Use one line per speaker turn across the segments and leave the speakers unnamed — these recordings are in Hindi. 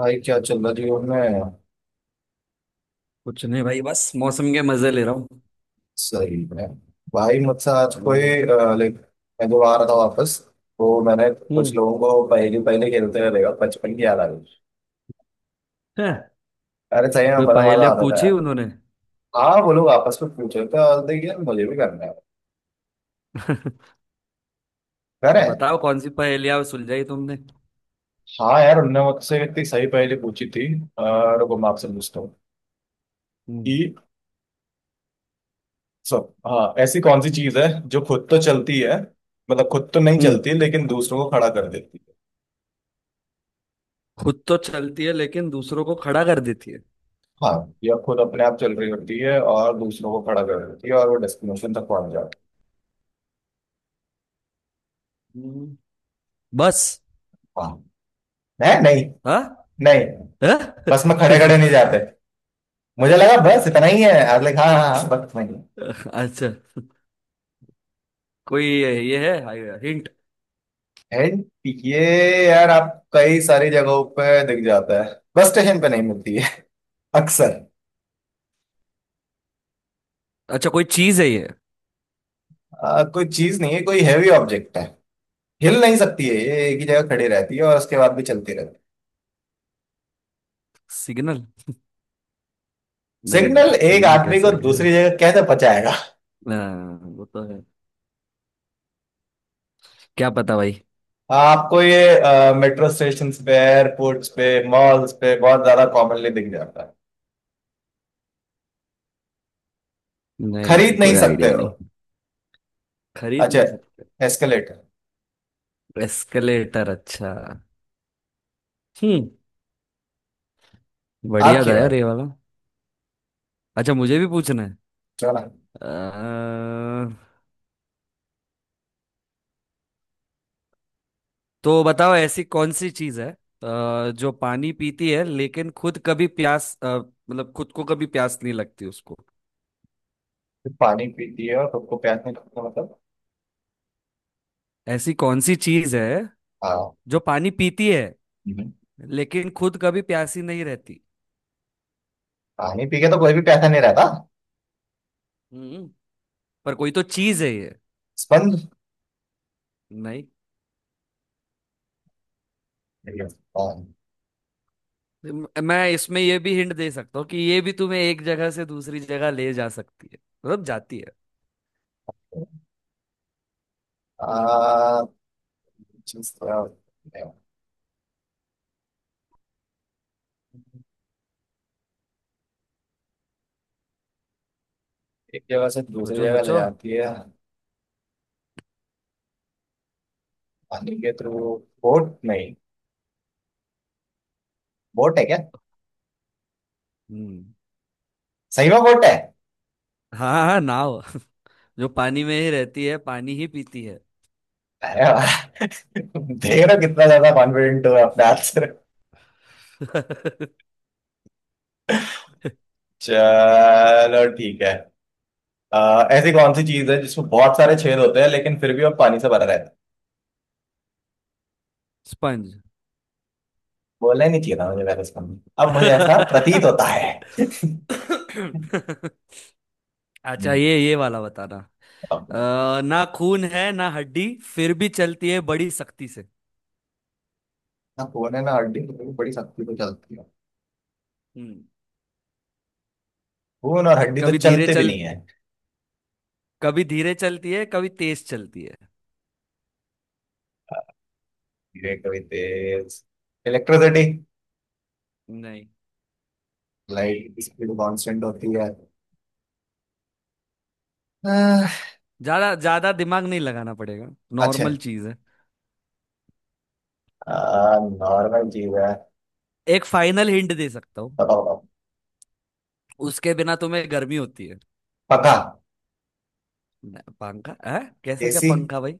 भाई क्या चल रहा जीवन में।
कुछ नहीं भाई, बस मौसम के मजे ले रहा हूँ।
सही है। भाई मुझसे आज कोई
हम्म।
लाइक मैं जब आ रहा था वापस तो मैंने कुछ
हम्म,
लोगों को पहले पहले खेलते हुए देखा। बचपन की याद आ गई।
है।
अरे सही में
कोई
बड़ा मजा
पहेलियाँ
आता था
पूछी
यार।
उन्होंने?
हाँ, वो लोग आपस में पूछ रहे थे, और देखिए यार मुझे भी करना है, कह रहे
तो
हैं।
बताओ कौन सी पहेलियाँ सुलझाई तुमने।
हाँ यार, उनने मुझसे इतनी सही पहेली पूछी थी। और रुको, मैं आपसे पूछता हूँ
हम्म।
कि सब हाँ, ऐसी कौन सी चीज है जो खुद तो चलती है, मतलब खुद तो नहीं
हम्म,
चलती लेकिन दूसरों को खड़ा कर देती।
खुद तो चलती है लेकिन दूसरों को खड़ा कर देती है।
हाँ, यह खुद अपने आप चल रही होती है और दूसरों को खड़ा कर रही होती है, और वो डेस्टिनेशन तक पहुंच जाती
हम्म। बस।
है। हाँ। नहीं नहीं।
हाँ।
नहीं।
हाँ?
बस में खड़े खड़े नहीं जाते। मुझे लगा बस इतना ही है। I like. हाँ हाँ हाँ, बस इतना ही
अच्छा, कोई ये है हिंट?
है। है। है। ये यार आप कई सारी जगहों पे दिख जाता है, बस स्टेशन पे नहीं मिलती है अक्सर।
अच्छा, कोई चीज है ये?
कोई चीज नहीं है, कोई हैवी ऑब्जेक्ट है। हिल नहीं सकती है, ये एक ही जगह खड़ी रहती है और उसके बाद भी चलती रहती है।
सिग्नल। नहीं
सिग्नल
भाई,
एक
सिग्नल
आदमी
कैसे
को
है?
दूसरी जगह कैसे पहुंचाएगा।
हाँ, वो तो है। क्या पता भाई।
आपको ये मेट्रो स्टेशन पे, एयरपोर्ट्स पे, मॉल्स पे बहुत ज्यादा कॉमनली दिख जाता है।
नहीं नहीं,
खरीद नहीं
कोई
सकते
आइडिया
हो।
नहीं। खरीद
अच्छा।
नहीं सकते।
एस्केलेटर।
एस्केलेटर, अच्छा। हम्म। बढ़िया
आपकी
था यार
बारी।
ये वाला। अच्छा, मुझे भी पूछना है।
चलो ना।
अ, तो बताओ, ऐसी कौन सी चीज है जो पानी पीती है लेकिन खुद कभी प्यास, मतलब खुद को कभी प्यास नहीं लगती उसको।
पानी पीती है और सबको प्यास नहीं लगता, मतलब?
ऐसी कौन सी चीज है
हाँ।
जो पानी पीती है
हम्म।
लेकिन खुद कभी प्यासी नहीं रहती।
पानी पी के तो कोई भी प्यासा नहीं रहता।
हम्म, पर कोई तो चीज है ये।
स्पंद।
नहीं।
ठीक है, स्पंद।
मैं इसमें ये भी हिंट दे सकता हूँ कि ये भी तुम्हें एक जगह से दूसरी जगह ले जा सकती है, मतलब जाती है।
आ, जिस एक जगह से दूसरी
सोचो
जगह ले
सोचो।
जाती है। पानी के थ्रू। बोट नहीं? बोट है क्या?
हम्म,
सही में बोट है।
हाँ हाँ, नाव। जो पानी में ही रहती है, पानी ही पीती है।
अरे वाह। देख रहे हो
हम्म।
कितना ज्यादा कॉन्फिडेंट हो अपने आंसर। चलो ठीक है। ऐसी कौन सी चीज है जिसमें बहुत सारे छेद होते हैं लेकिन फिर भी वो पानी से भरा रहता है।
स्पंज।
बोलना ही नहीं चाहिए था मुझे वैसे इसका। अब मुझे ऐसा प्रतीत होता है।
अच्छा ये वाला बताना।
अब,
ना खून है ना हड्डी, फिर भी चलती है बड़ी सख्ती से।
ना खून है ना हड्डी तो मेरी बड़ी सख्ती तो चलती है।
हम्म।
खून और हड्डी तो
कभी धीरे
चलते भी
चल
नहीं है।
कभी धीरे चलती है, कभी तेज चलती है।
धीरे कभी तेज। इलेक्ट्रिसिटी।
नहीं।
लाइट की स्पीड कांस्टेंट होती है। अह,
ज्यादा ज्यादा दिमाग नहीं लगाना पड़ेगा,
अच्छा।
नॉर्मल चीज है।
नॉर्मल चीज है।
एक फाइनल हिंट दे सकता हूँ।
बताओ बताओ।
उसके बिना तुम्हें गर्मी होती है।
पंखा।
पंखा है कैसे, क्या
एसी।
पंखा भाई?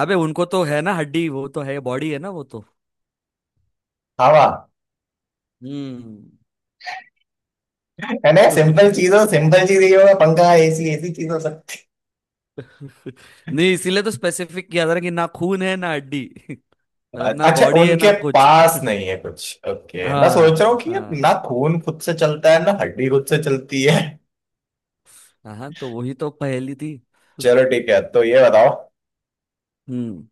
अबे उनको तो है ना हड्डी, वो तो है बॉडी है ना वो तो।
हवा।
हम्म।
है ना, सिंपल चीज हो सिंपल चीज, ये होगा पंखा एसी ऐसी चीज हो सकती
नहीं, इसीलिए तो स्पेसिफिक किया था ना कि ना खून है ना हड्डी,
है।
मतलब ना
अच्छा
बॉडी है ना
उनके
कुछ।
पास नहीं है कुछ। ओके, मैं सोच रहा हूँ
हाँ
कि यार ना
हाँ,
खून खुद से चलता है ना हड्डी खुद से चलती है।
हाँ तो वही तो पहेली थी।
चलो ठीक है, तो ये बताओ।
हम्म।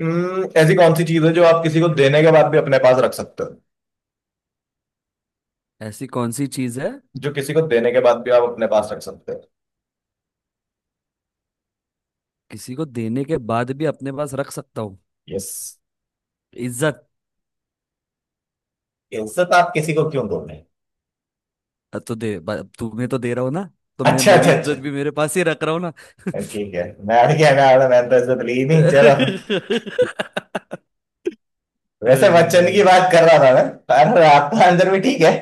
ऐसी कौन सी चीज है जो आप किसी को देने के बाद भी अपने पास रख सकते हो।
ऐसी कौन सी चीज है
जो किसी को देने के बाद भी आप अपने पास रख सकते हो।
किसी को देने के बाद भी अपने पास रख सकता हूँ?
यस।
इज्जत।
इज्जत आप किसी को क्यों दोगे।
तो तुम्हें तो दे रहा हूँ ना, तो मैं
अच्छा
मेरी
अच्छा अच्छा।
इज्जत भी मेरे पास ही रख रहा हूँ ना।
ठीक है, मैं क्या, मैं तो इज्जत ली नहीं, चलो। वैसे
अरे
वचन की
भाई,
बात कर रहा था मैं, पर आपका आंसर भी ठीक है।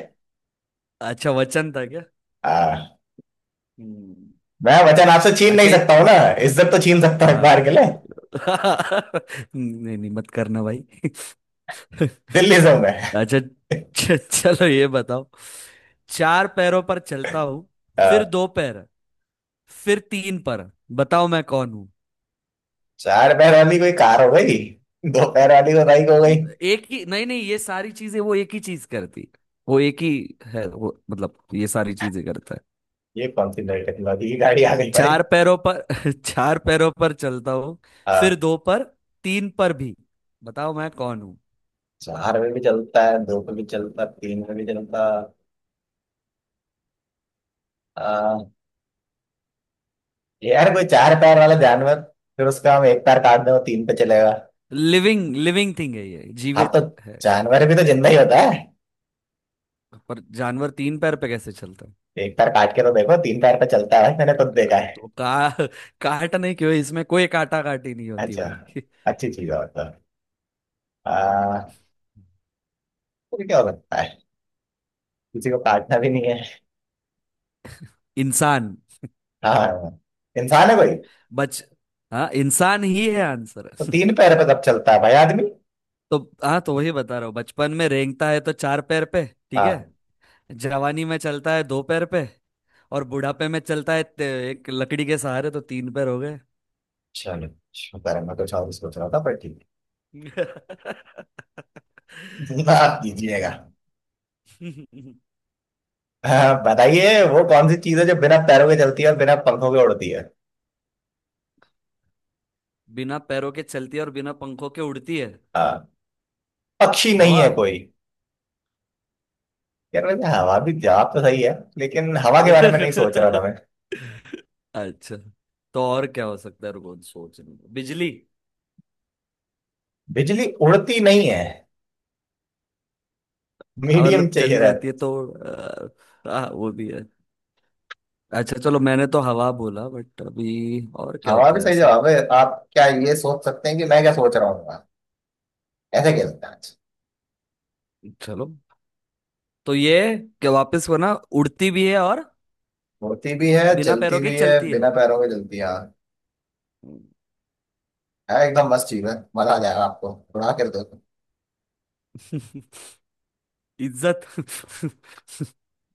अच्छा वचन था क्या?
हाँ।
हम्म,
मैं वचन आपसे छीन नहीं
अच्छा ये।
सकता हूँ ना। इज्जत तो छीन सकता हूँ एक बार
हाँ।
के लिए।
नहीं नहीं, मत करना भाई।
दिल्ली से हूँ मैं।
अच्छा चलो ये बताओ। चार पैरों पर चलता हूँ, फिर
हाँ,
दो पैर, फिर तीन पर। बताओ मैं कौन हूँ।
चार पैर वाली कोई कार हो गई, दो पैर वाली कोई बाइक हो गई।
एक ही, नहीं नहीं, ये सारी चीजें, वो एक ही चीज करती, वो एक ही है वो, मतलब ये सारी चीजें करता है।
ये कौन सी नई टेक्नोलॉजी की गाड़ी आ गई भाई।
चार पैरों पर। चार पैरों पर चलता हूँ, फिर
हाँ,
दो पर, तीन पर भी। बताओ मैं कौन।
चार में भी चलता है, दो पे भी चलता है, तीन में भी चलता है। हाँ। यार कोई चार पैर वाला जानवर, फिर उसका हम एक पैर काट दें, वो तीन पे चलेगा।
लिविंग लिविंग थिंग है ये,
हाँ तो
जीवित है।
जानवर भी तो जिंदा ही होता है।
पर जानवर तीन पैर पे कैसे चलता है?
एक पैर काट के तो देखो, तीन पैर पे चलता है भाई, मैंने खुद देखा
तो
है।
का काट नहीं, क्यों इसमें कोई काटा काटी नहीं होती
अच्छा।
भाई।
अच्छी चीज और तो, आ, तो क्या हो सकता है, किसी को काटना भी नहीं है।
इंसान।
हाँ, इंसान है भाई।
बच हाँ, इंसान ही है आंसर।
तो तीन पैर पे तब चलता है भाई आदमी।
तो, हाँ तो वही बता रहा हूँ, बचपन में रेंगता है तो चार पैर पे। ठीक है।
हाँ।
जवानी में चलता है दो पैर पे, और बुढ़ापे में चलता है एक लकड़ी के सहारे तो तीन पैर हो गए।
चलो, शुक्र है, मैं कुछ और सोच रहा था पर ठीक है। आप दीजिएगा।
हम्म।
हाँ, बताइए, वो कौन सी चीज है जो बिना पैरों के चलती है और बिना पंखों के उड़ती है।
बिना पैरों के चलती है और बिना पंखों के उड़ती है।
हाँ। पक्षी नहीं
हवा।
है कोई? यार वैसे हवा भी जवाब तो सही है, लेकिन हवा के बारे में नहीं सोच रहा था मैं।
अच्छा, तो और क्या हो सकता है, रुको सोचने दो। बिजली।
बिजली उड़ती नहीं है,
आ,
मीडियम
मतलब चली
चाहिए।
जाती है तो, आ, आ, वो भी है। अच्छा चलो, मैंने तो हवा बोला, बट अभी और क्या
हवा भी
होता है
सही
ऐसा?
जवाब है। आप क्या ये सोच सकते हैं कि मैं क्या सोच रहा हूँ, ऐसे कह सकते हैं आज?
चलो, तो ये क्या वापस वो ना, उड़ती भी है और,
होती भी है,
बिना
चलती
पैरों के
भी है,
चलती है।
बिना पैरों के चलती है हाँ। है, एकदम मस्त चीज है, मजा आ जाएगा आपको उड़ा कर दो।
इज्जत।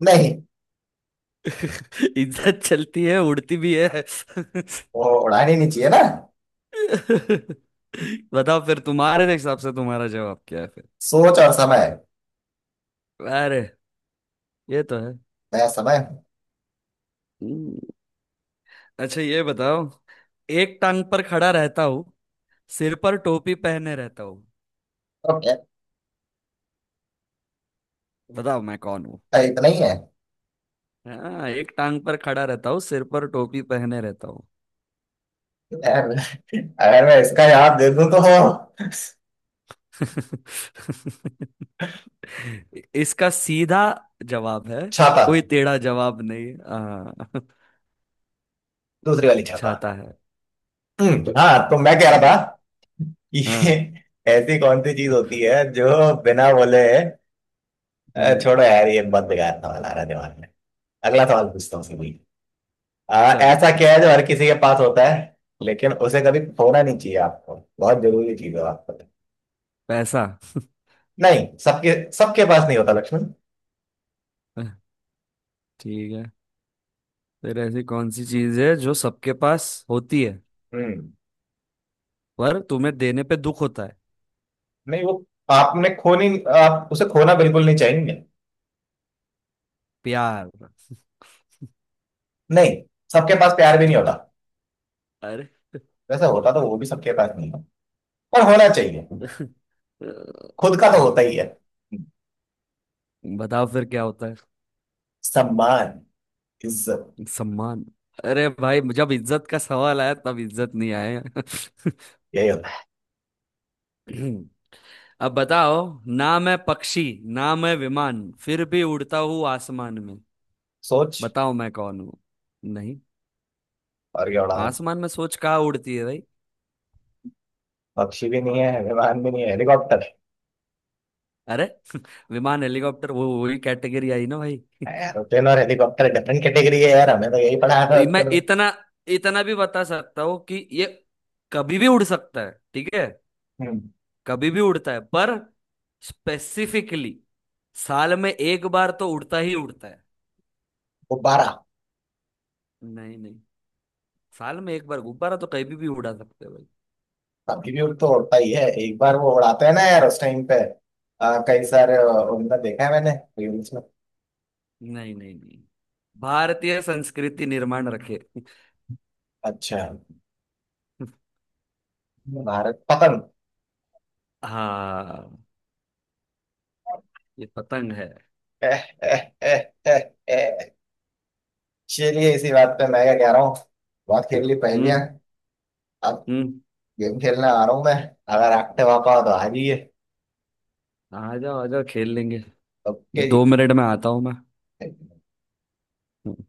नहीं,
इज्जत चलती है, उड़ती भी है।
वो उड़ानी नहीं चाहिए ना।
बताओ फिर तुम्हारे हिसाब से तुम्हारा जवाब क्या है फिर?
सोच और समय।
अरे, ये तो है।
मैं समय तो।
हम्म, अच्छा ये बताओ। एक टांग पर खड़ा रहता हूँ, सिर पर टोपी पहने रहता हूँ।
क्या-
बताओ मैं कौन हूँ।
इतना ही है?
हाँ, एक टांग पर खड़ा रहता हूँ, सिर पर टोपी पहने रहता हूँ।
अगर, अगर मैं इसका जवाब दे दूं तो
इसका सीधा जवाब है,
छाता।
कोई टेढ़ा जवाब नहीं, हाँ
दूसरी वाली छाता।
छाता है।
हाँ तो मैं कह रहा था कि ये
हाँ।
ऐसी कौन सी चीज होती है जो बिना बोले,
हम्म,
छोड़ो यार, ये बहुत बेकार सवाल आ रहा है दिमाग में, अगला सवाल पूछता हूँ सीधी। अ,
चलो
ऐसा क्या
पूछो।
है जो हर किसी के पास होता है लेकिन उसे कभी खोना नहीं चाहिए, आपको बहुत जरूरी चीज है आपको।
पैसा।
नहीं, सबके सबके पास नहीं होता लक्ष्मण।
ठीक है, फिर ऐसी कौन सी चीज है जो सबके पास होती है
हम्म।
पर तुम्हें देने पे दुख होता है?
नहीं, वो आपने खोनी, आप उसे खोना बिल्कुल नहीं चाहेंगे।
प्यार।
नहीं, सबके पास प्यार भी नहीं होता।
अरे।
वैसे होता तो वो भी सबके पास नहीं है, पर होना चाहिए। खुद का तो होता
ठीक
ही
है,
है।
बताओ फिर क्या होता है?
सम्मान। इज्जत।
सम्मान। अरे भाई, जब इज्जत का सवाल आया तब इज्जत नहीं आया।
यही होता है।
अब बताओ। ना मैं पक्षी, ना मैं विमान, फिर भी उड़ता हूँ आसमान में।
सोच
बताओ मैं कौन हूँ। नहीं,
और क्या, उड़ान।
आसमान में सोच कहाँ उड़ती है भाई?
पक्षी भी नहीं है, विमान भी नहीं है, हेलीकॉप्टर।
अरे। विमान हेलीकॉप्टर वो वही कैटेगरी आई ना भाई।
है यार, होटल और हेलीकॉप्टर डिफरेंट कैटेगरी है यार, हमें तो यही पढ़ाया था
मैं
बचपन में।
इतना इतना भी बता सकता हूँ कि ये कभी भी उड़ सकता है, ठीक है?
हम्म।
कभी भी उड़ता है, पर स्पेसिफिकली साल में एक बार तो उड़ता ही उड़ता है।
गुब्बारा।
नहीं नहीं, साल में एक बार गुब्बारा तो कभी भी उड़ा सकते हो भाई।
अभी भी उड़ तो उड़ता ही है, एक बार वो उड़ाते हैं ना यार उस टाइम पे, कई सारे, उनमें देखा है मैंने, रील्स में।
नहीं नहीं नहीं, भारतीय संस्कृति निर्माण रखे।
अच्छा, भारत, पतंग।
हाँ, ये पतंग है।
एह, एह, एह, एह, एह। चलिए इसी बात पे, मैं क्या कह रहा हूँ, बहुत खेल ली पहेलियां,
हम्म।
अब
हम्म।
गेम खेलने आ रहा हूँ मैं। अगर रखते वापा हो तो आ जाइए।
आ जाओ आ जाओ, खेल लेंगे।
ओके जी।
2 मिनट में आता हूँ मैं।